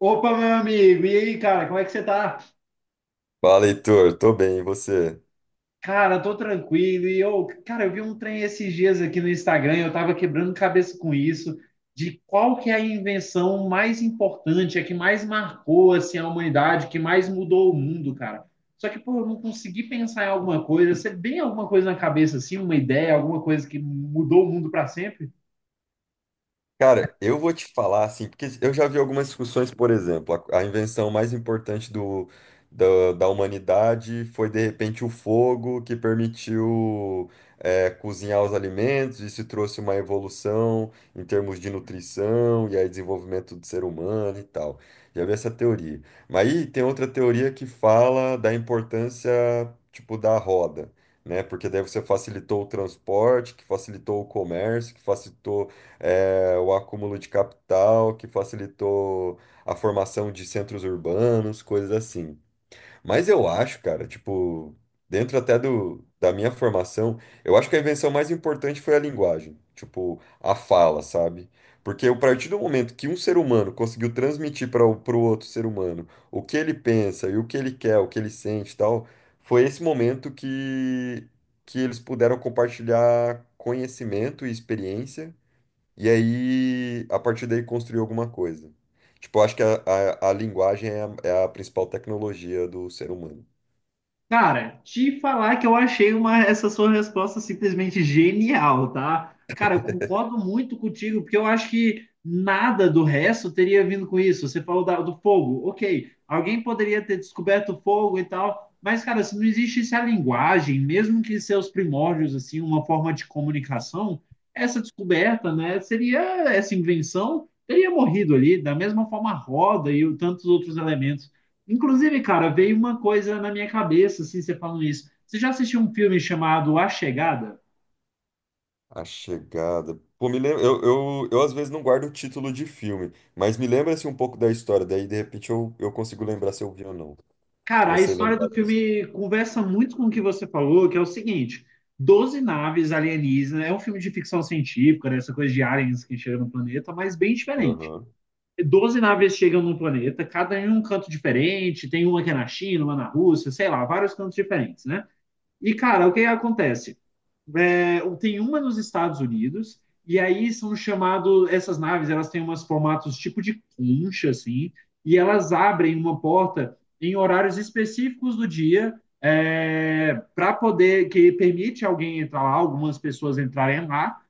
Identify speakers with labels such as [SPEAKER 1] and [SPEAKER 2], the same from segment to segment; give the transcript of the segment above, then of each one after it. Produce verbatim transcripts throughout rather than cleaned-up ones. [SPEAKER 1] Opa, meu amigo, e aí, cara, como é que você tá?
[SPEAKER 2] Fala, Heitor. Tô bem, e você?
[SPEAKER 1] Cara, tô tranquilo. E eu, cara, eu vi um trem esses dias aqui no Instagram, eu tava quebrando cabeça com isso, de qual que é a invenção mais importante, a que mais marcou assim a humanidade, que mais mudou o mundo, cara. Só que, pô, eu não consegui pensar em alguma coisa. Você tem alguma coisa na cabeça assim, uma ideia, alguma coisa que mudou o mundo pra sempre?
[SPEAKER 2] Cara, eu vou te falar assim, porque eu já vi algumas discussões, por exemplo, a, a invenção mais importante do, da da humanidade foi de repente o fogo que permitiu eh, cozinhar os alimentos, isso trouxe uma evolução em termos de nutrição e aí desenvolvimento do ser humano e tal. Já vi essa teoria. Mas aí tem outra teoria que fala da importância, tipo, da roda. Né? Porque daí você facilitou o transporte, que facilitou o comércio, que facilitou é, o acúmulo de capital que facilitou a formação de centros urbanos, coisas assim. Mas eu acho, cara, tipo, dentro até do, da minha formação, eu acho que a invenção mais importante foi a linguagem, tipo, a fala, sabe? Porque a partir do momento que um ser humano conseguiu transmitir para o pro outro ser humano o que ele pensa e o que ele quer, o que ele sente e tal, foi esse momento que, que eles puderam compartilhar conhecimento e experiência e aí, a partir daí, construir alguma coisa. Tipo, eu acho que a, a, a linguagem é a, é a principal tecnologia do ser humano.
[SPEAKER 1] Cara, te falar que eu achei uma, essa sua resposta simplesmente genial, tá? Cara, eu concordo muito contigo, porque eu acho que nada do resto teria vindo com isso. Você falou da- do fogo, ok. Alguém poderia ter descoberto o fogo e tal, mas, cara, se não existisse a linguagem, mesmo que seus primórdios, assim, uma forma de comunicação, essa descoberta, né, seria essa invenção, teria morrido ali, da mesma forma a roda e o- tantos outros elementos. Inclusive, cara, veio uma coisa na minha cabeça, assim, você falando isso. Você já assistiu um filme chamado A Chegada?
[SPEAKER 2] A chegada. Pô, me lembra. Eu, eu, eu às vezes não guardo o título de filme, mas me lembra assim, um pouco da história. Daí, de repente, eu, eu consigo lembrar se eu vi ou não. Se
[SPEAKER 1] Cara, a
[SPEAKER 2] você
[SPEAKER 1] história
[SPEAKER 2] lembrar
[SPEAKER 1] do
[SPEAKER 2] da história.
[SPEAKER 1] filme conversa muito com o que você falou, que é o seguinte: doze naves alienígenas, é um filme de ficção científica, né, essa coisa de aliens que chegam no planeta, mas bem diferente.
[SPEAKER 2] Aham.
[SPEAKER 1] Doze naves chegam no planeta, cada um em um canto diferente, tem uma que é na China, uma na Rússia, sei lá, vários cantos diferentes, né? E, cara, o que acontece? É, tem uma nos Estados Unidos, e aí são chamados, essas naves, elas têm umas formatos tipo de concha, assim, e elas abrem uma porta em horários específicos do dia, é, para poder, que permite alguém entrar lá, algumas pessoas entrarem lá.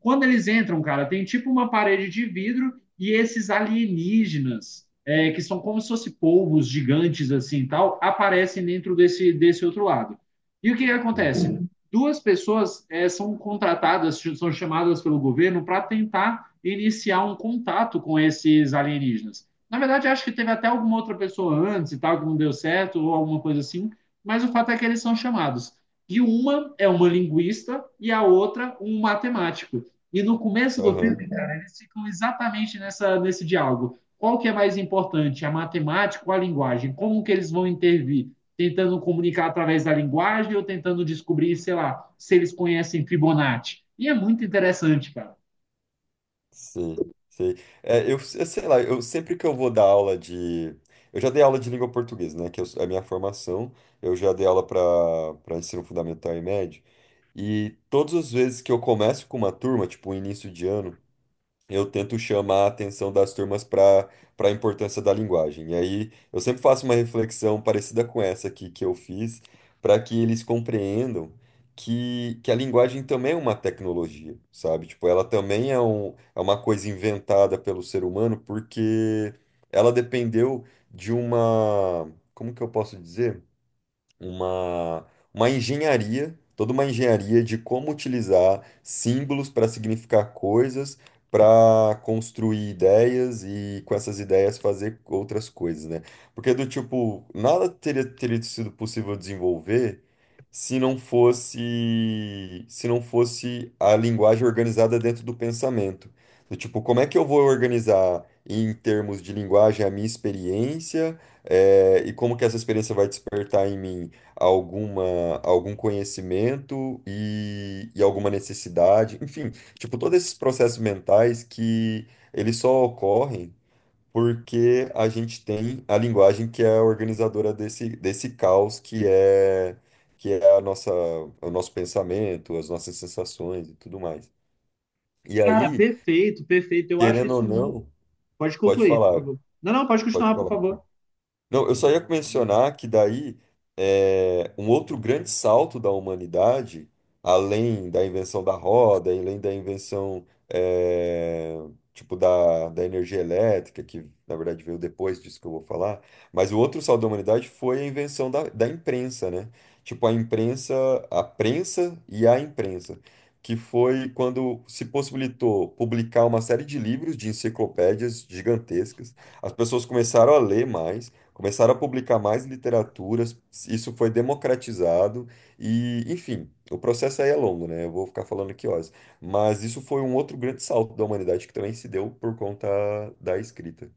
[SPEAKER 1] Quando eles entram, cara, tem tipo uma parede de vidro e esses alienígenas, é, que são como se fossem polvos gigantes, assim, tal, aparecem dentro desse, desse outro lado. E o que que
[SPEAKER 2] Uhum.
[SPEAKER 1] acontece? Duas pessoas é, são contratadas, são chamadas pelo governo para tentar iniciar um contato com esses alienígenas. Na verdade, acho que teve até alguma outra pessoa antes e tal, que não deu certo, ou alguma coisa assim, mas o fato é que eles são chamados. E uma é uma linguista e a outra um matemático. E no começo do
[SPEAKER 2] Aham.
[SPEAKER 1] filme, cara, eles ficam exatamente nessa, nesse diálogo. Qual que é mais importante, a matemática ou a linguagem? Como que eles vão intervir? Tentando comunicar através da linguagem ou tentando descobrir, sei lá, se eles conhecem Fibonacci. E é muito interessante, cara.
[SPEAKER 2] Sim, sim. É, eu, eu sei lá, eu sempre que eu vou dar aula de. Eu já dei aula de língua portuguesa, né? Que eu- é a minha formação. Eu já dei aula para para ensino fundamental e médio. E todas as vezes que eu começo com uma turma, tipo, início de ano, eu tento chamar a atenção das turmas para para a importância da linguagem. E aí eu sempre faço uma reflexão parecida com essa aqui que eu fiz, para que eles compreendam que, que a linguagem também é uma tecnologia, sabe? Tipo, ela também é, um, é uma coisa inventada pelo ser humano porque ela dependeu de uma, como que eu posso dizer? uma, uma engenharia, toda uma engenharia de como utilizar símbolos para significar coisas, para construir ideias e com essas ideias fazer outras coisas, né? Porque do tipo, nada teria, teria sido possível desenvolver se não fosse se não fosse a linguagem organizada dentro do pensamento. Do tipo, como é que eu vou organizar em termos de linguagem a minha experiência, eh, e como que essa experiência vai despertar em mim alguma, algum conhecimento e, e alguma necessidade. Enfim, tipo, todos esses processos mentais que eles só ocorrem porque a gente tem a linguagem que é a organizadora desse, desse caos que é, que é a nossa, o nosso pensamento, as nossas sensações e tudo mais. E
[SPEAKER 1] Cara,
[SPEAKER 2] aí,
[SPEAKER 1] perfeito, perfeito. Eu acho
[SPEAKER 2] querendo ou
[SPEAKER 1] isso. mu-
[SPEAKER 2] não,
[SPEAKER 1] Pode
[SPEAKER 2] pode
[SPEAKER 1] concluir, por
[SPEAKER 2] falar,
[SPEAKER 1] favor. Não, não, pode
[SPEAKER 2] pode
[SPEAKER 1] continuar, por
[SPEAKER 2] falar. Então.
[SPEAKER 1] favor.
[SPEAKER 2] Não, eu só ia mencionar que daí é, um outro grande salto da humanidade, além da invenção da roda, além da invenção é, tipo da, da energia elétrica, que na verdade veio depois disso que eu vou falar, mas o outro salto da humanidade foi a invenção da, da imprensa, né? Tipo a imprensa, a prensa e a imprensa, que foi quando se possibilitou publicar uma série de livros, de enciclopédias gigantescas. As pessoas começaram a ler mais. Começaram a publicar mais literaturas, isso foi democratizado e, enfim, o processo aí é longo, né? Eu vou ficar falando aqui horas. Mas isso foi um outro grande salto da humanidade que também se deu por conta da escrita.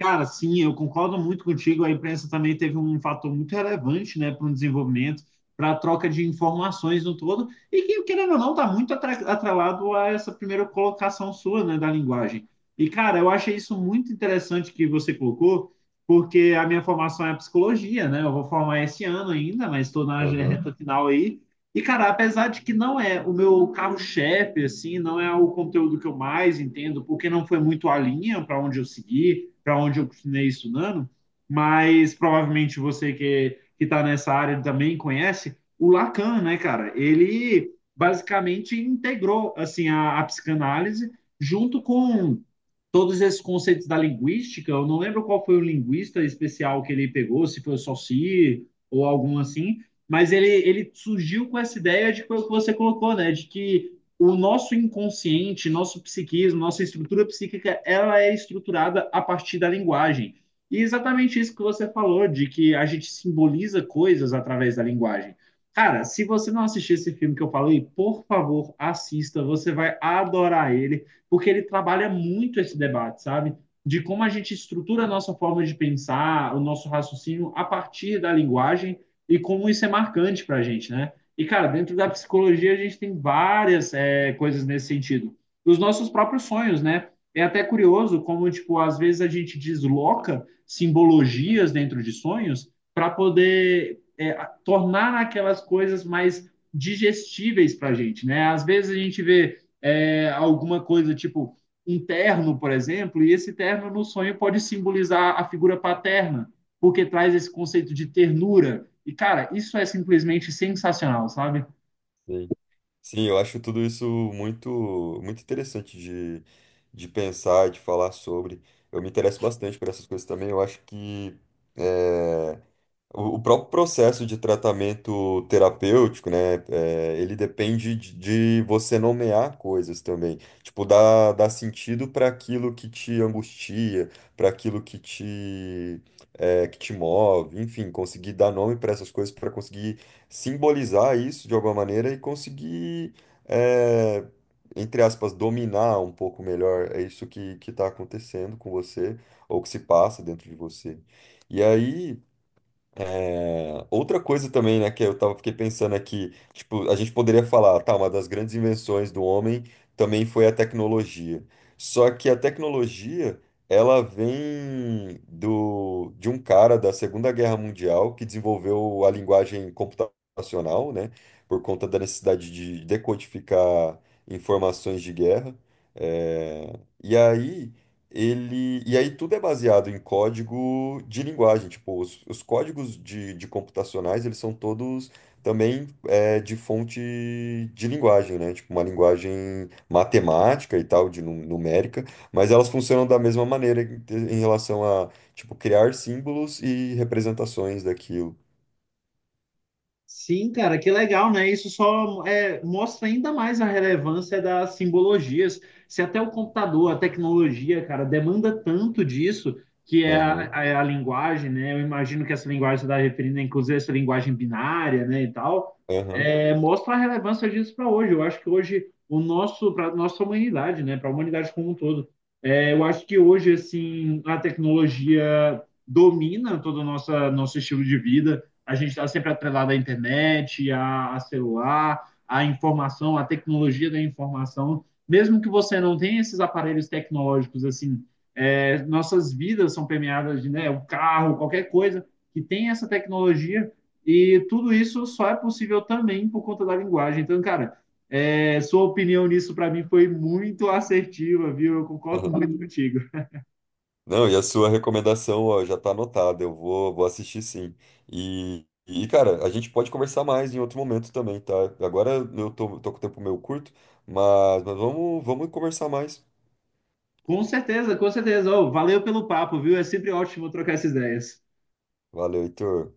[SPEAKER 1] Cara, sim, eu concordo muito contigo. A imprensa também teve um fator muito relevante, né, para o desenvolvimento, para a troca de informações no todo, e que, querendo ou não, está muito atra- atrelado a essa primeira colocação sua, né, da linguagem. E, cara, eu achei isso muito interessante que você colocou, porque a minha formação é psicologia, né? Eu vou formar esse ano ainda, mas estou na
[SPEAKER 2] Aham,
[SPEAKER 1] reta final aí. E, cara, apesar de que não é o meu carro-chefe, assim, não é o conteúdo que eu mais entendo, porque não foi muito a linha para onde eu segui para onde eu continuei estudando, mas provavelmente você que está nessa área também conhece o Lacan, né, cara? Ele basicamente integrou assim a, a psicanálise junto com todos esses conceitos da linguística. Eu não lembro qual foi o linguista especial que ele pegou, se foi o Saussure ou algum assim, mas ele, ele surgiu com essa ideia de que você colocou, né? De que o nosso inconsciente, nosso psiquismo, nossa estrutura psíquica, ela é estruturada a partir da linguagem. E exatamente isso que você falou, de que a gente simboliza coisas através da linguagem. Cara, se você não assistir esse filme que eu falei, por favor, assista, você vai adorar ele, porque ele trabalha muito esse debate, sabe? De como a gente estrutura a nossa forma de pensar, o nosso raciocínio a partir da linguagem e como isso é marcante para gente, né? E, cara, dentro da psicologia a gente tem várias é, coisas nesse sentido. Os nossos próprios sonhos, né? É até curioso como, tipo, às vezes a gente desloca simbologias dentro de sonhos para poder é, tornar aquelas coisas mais digestíveis para a gente, né? Às vezes a gente vê é, alguma coisa tipo um terno, por exemplo, e esse terno no sonho pode simbolizar a figura paterna porque traz esse conceito de ternura. E, cara, isso é simplesmente sensacional, sabe?
[SPEAKER 2] sim. Sim, eu acho tudo isso muito, muito interessante de, de pensar, de falar sobre. Eu me interesso bastante por essas coisas também. Eu acho que eh, O o próprio processo de tratamento terapêutico, né, é, ele depende de, de você nomear coisas também. Tipo, dar, dar sentido para aquilo que te angustia, para aquilo que te, é, que te move, enfim, conseguir dar nome para essas coisas, para conseguir simbolizar isso de alguma maneira e conseguir, é, entre aspas, dominar um pouco melhor é isso que, que está acontecendo com você ou que se passa dentro de você. E aí. É, outra coisa também, né, que eu tava, fiquei pensando aqui, tipo, a gente poderia falar, tá, uma das grandes invenções do homem também foi a tecnologia. Só que a tecnologia, ela vem do, de um cara da Segunda Guerra Mundial que desenvolveu a linguagem computacional, né, por conta da necessidade de decodificar informações de guerra. É, e aí ele, e aí tudo é baseado em código de linguagem, tipo, os, os códigos de, de computacionais, eles são todos também é, de fonte de linguagem, né? Tipo, uma linguagem matemática e tal, de nu- numérica, mas elas funcionam da mesma maneira em, em relação a, tipo, criar símbolos e representações daquilo.
[SPEAKER 1] Sim, cara, que legal, né? Isso só é, mostra ainda mais a relevância das simbologias. Se até o computador, a tecnologia, cara, demanda tanto disso, que é a,
[SPEAKER 2] Aham,
[SPEAKER 1] a, é a linguagem, né? Eu imagino que essa linguagem você está referindo, inclusive, essa linguagem binária, né, e tal,
[SPEAKER 2] aham,
[SPEAKER 1] é, mostra a relevância disso para hoje. Eu acho que hoje o nosso, para nossa humanidade, né, para a humanidade como um todo, é, eu acho que hoje, assim, a tecnologia domina todo o nosso, nosso estilo de vida, a gente está sempre atrelado à internet, a, a celular, à informação, à tecnologia da informação. Mesmo que você não tenha esses aparelhos tecnológicos, assim, é, nossas vidas são permeadas de, né, o carro, qualquer coisa que tem essa tecnologia, e tudo isso só é possível também por conta da linguagem. Então, cara, é, sua opinião nisso para mim foi muito assertiva, viu? Eu concordo
[SPEAKER 2] aham.
[SPEAKER 1] muito contigo.
[SPEAKER 2] Não, e a sua recomendação, ó, já tá anotada. Eu vou, vou assistir sim. E, e, cara, a gente pode conversar mais em outro momento também, tá? Agora eu tô, tô com o tempo meio curto, mas, mas vamos, vamos conversar mais.
[SPEAKER 1] Com certeza, com certeza. Oh, valeu pelo papo, viu? É sempre ótimo trocar essas ideias.
[SPEAKER 2] Valeu, Heitor.